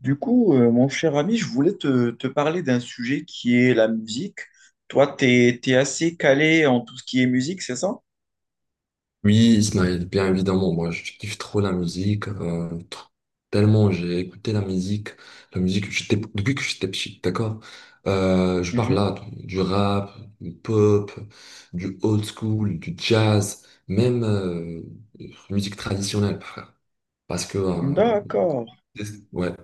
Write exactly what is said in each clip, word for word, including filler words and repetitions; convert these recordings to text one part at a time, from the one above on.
Du coup, euh, mon cher ami, je voulais te, te parler d'un sujet qui est la musique. Toi, t'es, t'es assez calé en tout ce qui est musique, c'est ça? Oui, Ismaël, bien évidemment, moi je kiffe trop la musique, euh, tr- tellement j'ai écouté la musique, la musique que j'étais- depuis que j'étais petit, d'accord? Euh, je parle Mhm. là du du rap, du pop, du old school, du jazz, même euh, musique traditionnelle, frère. Parce que, euh, D'accord. ouais,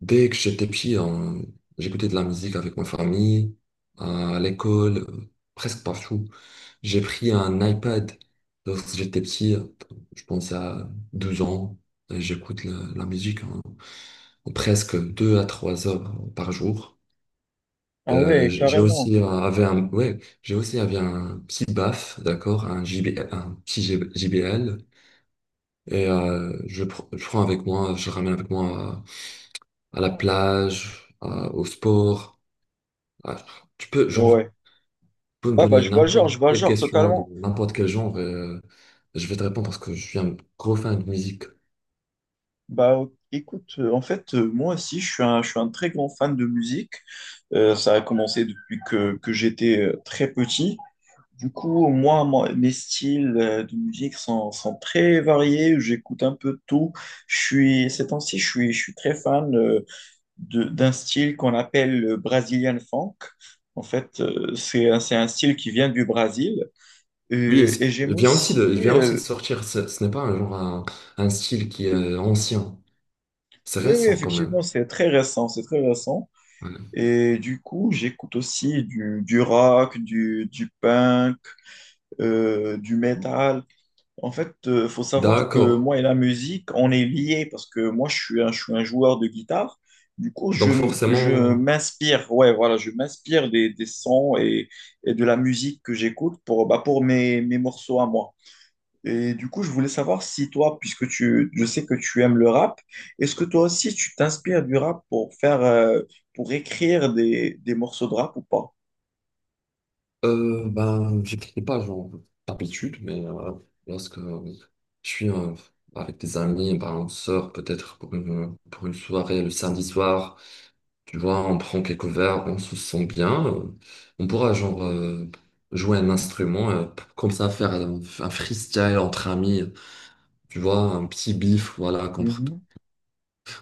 dès que j'étais petit, on- j'écoutais de la musique avec ma famille, à l'école, euh, presque partout. J'ai pris un iPad lorsque j'étais petit, euh, je pense à douze ans, et j'écoute la, la musique en, en presque deux à trois heures par jour. Ah Euh, ouais, j- J'ai carrément. aussi euh, avait un, ouais, j'ai aussi avait un petit B A F, d'accord, un JB, un petit JB J B L, et euh, je, pr- je prends avec moi, je ramène avec moi à, à la plage, à- au sport. Ah, tu peux, genre, Ouais. tu peux me Ah bah, donner je vois le genre, n'importe je vois le quelle genre question, dans totalement. n'importe quel genre, et, euh, je vais te répondre parce que je suis un gros fan de musique. Bah ok, écoute, euh, en fait, euh, moi aussi, je suis un, je suis un très grand fan de musique. Euh, ça a commencé depuis que, que j'étais euh, très petit. Du coup, moi, moi, mes styles euh, de musique sont, sont très variés. J'écoute un peu de tout. Je suis, ces temps-ci, je suis, je suis très fan euh, de- d'un style qu'on appelle le Brazilian funk. En fait, euh, c'est un, c'est un style qui vient du Brésil. Oui, et Euh, et c'est- j'aime il vient aussi de, aussi. il vient aussi euh, de sortir. Ce, ce n'est pas un genre, un, un style qui est euh, ancien. C'est oui, oui, récent quand effectivement, même. c'est très récent. C'est très récent. Ouais. Et du coup, j'écoute aussi du, du rock, du, du punk, euh, du metal. En fait, euh, faut savoir que D'accord. moi et la musique, on est liés parce que moi, je suis un, je suis un joueur de guitare. Du coup, je, Donc m- je forcément, m'inspire, ouais, voilà, je m'inspire des, des sons et, et de la musique que j'écoute pour, bah, pour mes, mes morceaux à moi. Et du coup, je voulais savoir si toi, puisque tu, je sais que tu aimes le rap, est-ce que toi aussi tu t'inspires du rap pour faire, euh, pour écrire des, des morceaux de rap ou pas? euh, ben, j'écris pas genre d'habitude, mais euh, voilà. Lorsque je suis euh, avec des amis, ben, on sort peut-être pour une, pour une soirée le samedi soir. Tu vois, on prend quelques verres, on se sent bien. euh, On pourra genre euh, jouer un instrument, euh, p- comme ça faire un, un freestyle entre amis. Tu vois, un petit bif, voilà, compr-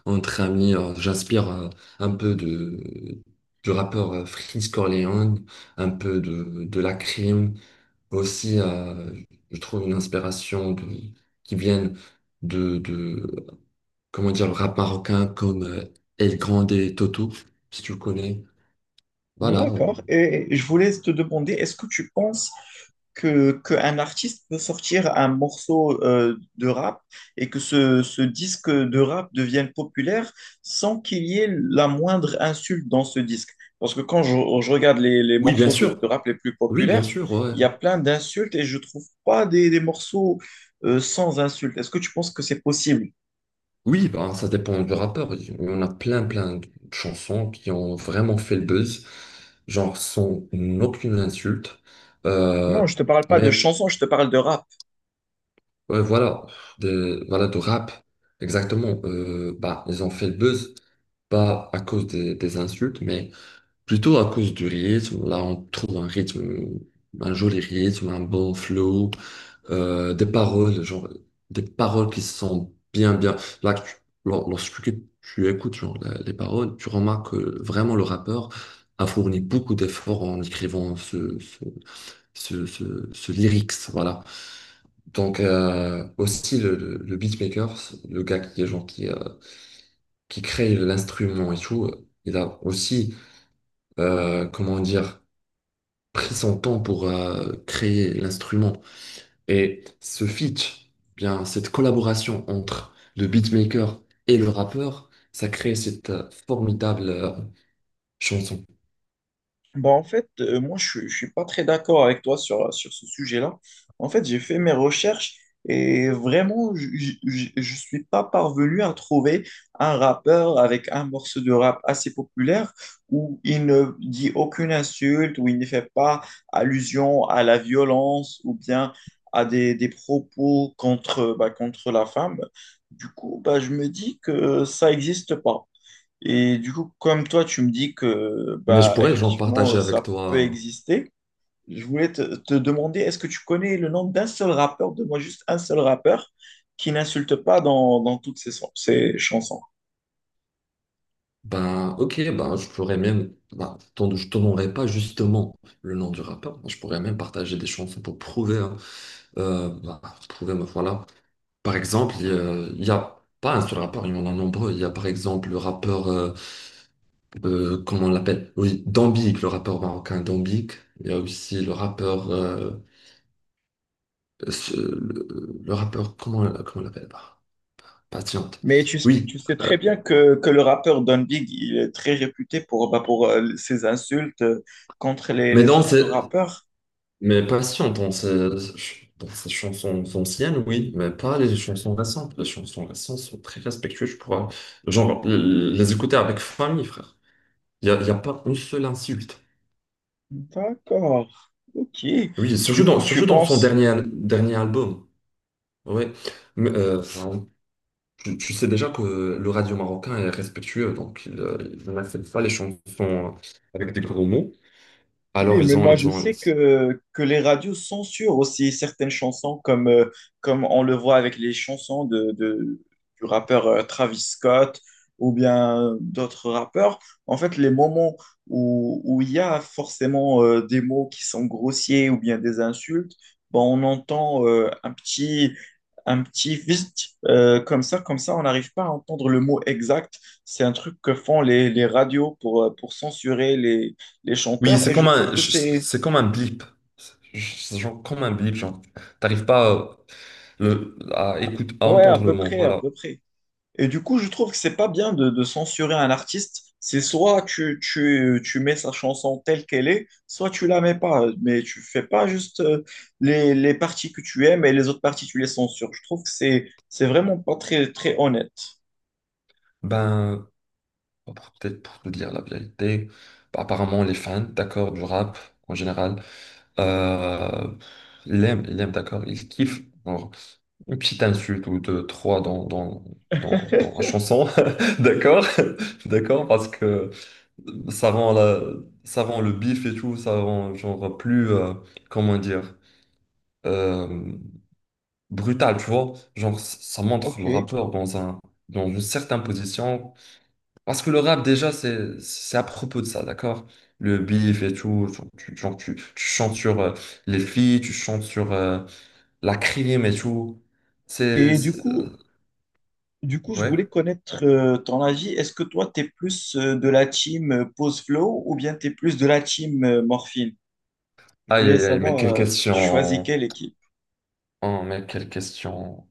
entre amis. euh, J'inspire euh, un peu de du rappeur euh, Freeze Corleone, un peu de de la crime. Aussi, euh, je trouve une inspiration de, qui viennent de de comment dire le rap marocain comme euh, El Grande et Toto, si tu le connais. Voilà. D'accord. Et je voulais te demander, est-ce que tu penses que, qu'un artiste peut sortir un morceau euh, de rap et que ce, ce disque de rap devienne populaire sans qu'il y ait la moindre insulte dans ce disque. Parce que quand je, je regarde les, les Oui, bien morceaux de, sûr. de rap les plus Oui, bien populaires, sûr, ouais. il y a plein d'insultes et je trouve pas des, des morceaux euh, sans insultes. Est-ce que tu penses que c'est possible? Oui, ben, ça dépend du rappeur. Il y en a plein, plein de chansons qui ont vraiment fait le buzz, genre sans aucune insulte. Euh, Non, je te parle pas de mais chansons, je te parle de rap. ouais, voilà, de, voilà, de rap, exactement. Euh, bah, ils ont fait le buzz, pas à cause des, des insultes, mais plutôt à cause du rythme. Là, on trouve un rythme, un joli rythme, un bon flow. euh, des paroles, genre, des paroles qui sont bien, bien. Là, tu- lor- lorsque tu, tu écoutes genre, la- les paroles, tu remarques que vraiment le rappeur a fourni beaucoup d'efforts en écrivant ce, ce, ce, ce, ce lyrics, voilà. Donc, euh, aussi, le, le, le beatmaker, le gars qui est genre, qui, euh, qui crée l'instrument et tout, il a aussi, euh, comment dire, pris son temps pour euh, créer l'instrument. Et ce feat, bien cette collaboration entre le beatmaker et le rappeur, ça crée cette euh, formidable euh, chanson. Bah, en fait, euh, moi, je ne suis pas très d'accord avec toi sur, sur ce sujet-là. En fait, j'ai fait mes recherches et vraiment, je ne suis pas parvenu à trouver un rappeur avec un morceau de rap assez populaire où il ne dit aucune insulte, où il ne fait pas allusion à la violence ou bien à des, des propos contre, bah, contre la femme. Du coup, bah, je me dis que ça n'existe pas. Et du coup, comme toi, tu me dis que Mais je bah pourrais genre partager effectivement avec ça peut toi. exister, je voulais te, te demander, est-ce que tu connais le nom d'un seul rappeur, de moi juste un seul rappeur, qui n'insulte pas dans, dans toutes ses, son- ses chansons? Ben ok, ben je pourrais même, ben, je t'en- je te donnerai pas justement le nom du rappeur. Je pourrais même partager des chansons pour prouver, hein, euh, ben, prouver, ben, voilà. Par exemple, il y a il y a pas un seul rappeur, il y en a nombreux. Il y a par exemple le rappeur euh, euh, comment on l'appelle? Oui, Dambik, le rappeur marocain Dambik. Il y a aussi le rappeur, euh, ce- le, le rappeur, comment, comment on l'appelle? Bah, Patiente. Mais tu, tu Oui, sais très euh, bien que, que le rappeur Don Big, il est très réputé pour, bah, pour euh, ses insultes euh, contre les, mais les non, autres c'est, rappeurs. mais Patiente, dans ses, dans ses chansons anciennes, oui, mais pas les chansons récentes. Les chansons récentes sont très respectueuses, je pourrais, genre, les écouter avec famille, frère. Il y a, il y a pas une seule insulte. D'accord, ok. Oui, surtout Du dans, coup, tu surtout dans son penses. dernier, dernier album. Ouais. Mais, euh, enfin, Tu, tu sais déjà que le radio marocain est respectueux, donc il euh, il n'accepte pas les chansons euh, avec des gros mots. Oui, Alors mais ils ont, moi je ils ont. sais que, que les radios censurent aussi certaines chansons, comme, euh, comme on le voit avec les chansons de, de- du rappeur euh, Travis Scott ou bien euh, d'autres rappeurs. En fait, les moments où, où il y a forcément euh, des mots qui sont grossiers ou bien des insultes, bon, on entend euh, un petit, un petit vite euh, comme ça, comme ça, on n'arrive pas à entendre le mot exact. C'est un truc que font les, les radios pour, euh, pour censurer les les Oui, chanteurs, c'est et je comme trouve un, que je- c'est... c'est comme un blip. C'est genre comme un blip, genre t'arrives pas euh, le, à écoute- à Ouais, à entendre le peu mot. près, à Voilà. peu près. Et du coup, je trouve que c'est pas bien de, de censurer un artiste. C'est soit tu, tu, tu mets sa chanson telle qu'elle est, soit tu la mets pas. Mais tu fais pas juste euh, les, les parties que tu aimes et les autres parties, tu les censures. Je trouve que c'est, c'est vraiment pas très, très honnête. Ben pour- peut-être pour te dire la vérité, apparemment les fans, d'accord, du rap en général. Euh, l'aime, l'aime, d'accord, il kiffe. Bon, une petite insulte ou deux, trois dans, dans, dans, dans la chanson, d'accord, d'accord, parce que ça rend, la, ça rend le bif et tout, ça rend genre plus, euh, comment dire, euh, brutal, tu vois. Genre, ça montre Ok. le rappeur dans un, dans une certaine position parce que le rap, déjà, c'est, c'est à propos de ça, d'accord? Le beef et tout, tu, tu- genre, tu, tu chantes sur euh, les filles, tu chantes sur euh, la crime et tout. C'est, Et du c'est- coup, euh, du coup, je ouais. voulais connaître euh, ton avis. Est-ce que toi, tu es plus euh, de la team euh, Pause Flow ou bien tu es plus de la team euh, Morphine? Je Aïe, voulais aïe, aïe, mais savoir, quelle euh, tu choisis question. quelle équipe? Oh, mais quelle question.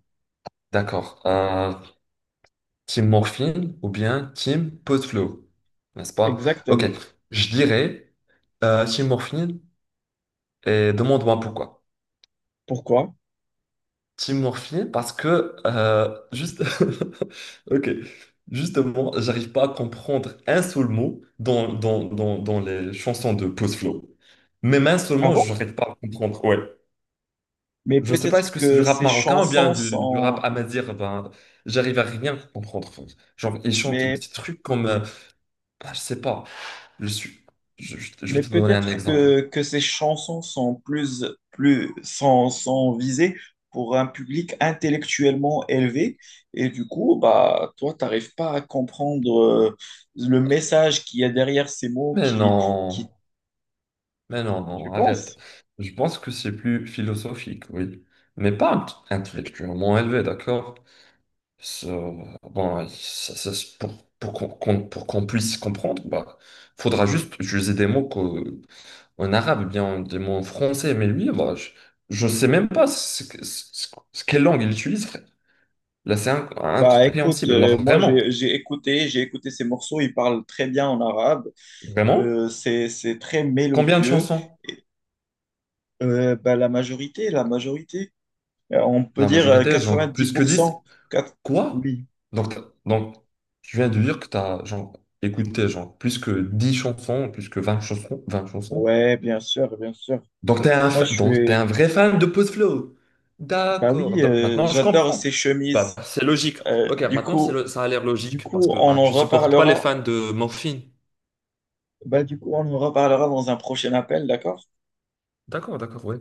D'accord. Euh, team Morphine ou bien team Podflow, n'est-ce pas? Ok, Exactement. je dirais euh, team Morphine et demande-moi pourquoi. Pourquoi? Team Morphy parce que euh, juste ok, justement j'arrive pas à comprendre un seul mot dans, dans, dans, dans les chansons de Post Flow. Même un seul Ah mot bon? j'arrive pas à comprendre, ouais. Mais Je sais pas, est-ce peut-être que c'est du que rap ces marocain ou bien chansons du, du rap sont, amazigh? Ben j'arrive à rien comprendre, genre ils chantent mais, des trucs comme euh, ah, je sais pas. Je suis, je, je- je vais mais te donner un peut-être exemple. que, que ces chansons sont plus, plus, sont, sont visées pour un public intellectuellement élevé. Et du coup, bah, toi, t'arrives pas à comprendre euh, le message qu'il y a derrière ces mots Mais qui, non. qui, Mais non, tu non, arrête. penses? Je pense que c'est plus philosophique, oui. Mais pas int- intellectuellement élevé, d'accord? Ça- Bon, ça- ça- c'est pour, pour qu'on qu'on- pour qu'on puisse comprendre, bah, faudra juste utiliser des mots qu'au- en arabe, ou bien des mots en français. Mais lui, bah, je, je sais même pas ce, que- ce- ce- quelle langue il utilise, frère. Là, c'est inc- Bah écoute, incompréhensible. Là, euh, moi vraiment. j'ai j'ai écouté, j'ai écouté ces morceaux, ils parlent très bien en arabe. Vraiment? Euh, c'est, c'est très Combien de mélodieux. chansons? Et, euh, bah, la majorité, la majorité, euh, on peut La dire euh, majorité, genre plus que dix. quatre-vingt-dix pour cent. Quatre- Quoi? Oui, Donc, t'as- donc, tu viens de dire que tu as genre, écouté genre, plus que dix chansons, plus que vingt chansons, vingt chansons. ouais, bien sûr, bien sûr. Donc, tu es un, Moi, fa- je donc, t'es suis, un vrai fan de Post Flow. bah D'accord. oui, Donc, euh, maintenant, je j'adore comprends. ces Bah, chemises. c'est logique. Euh, Ok, du maintenant, c'est coup, le- ça a l'air du logique parce coup, que on bah, en tu supportes pas les reparlera. fans de Morphine. Bah, du coup, on en reparlera dans un prochain appel, d'accord? D'accord, d'accord, ouais.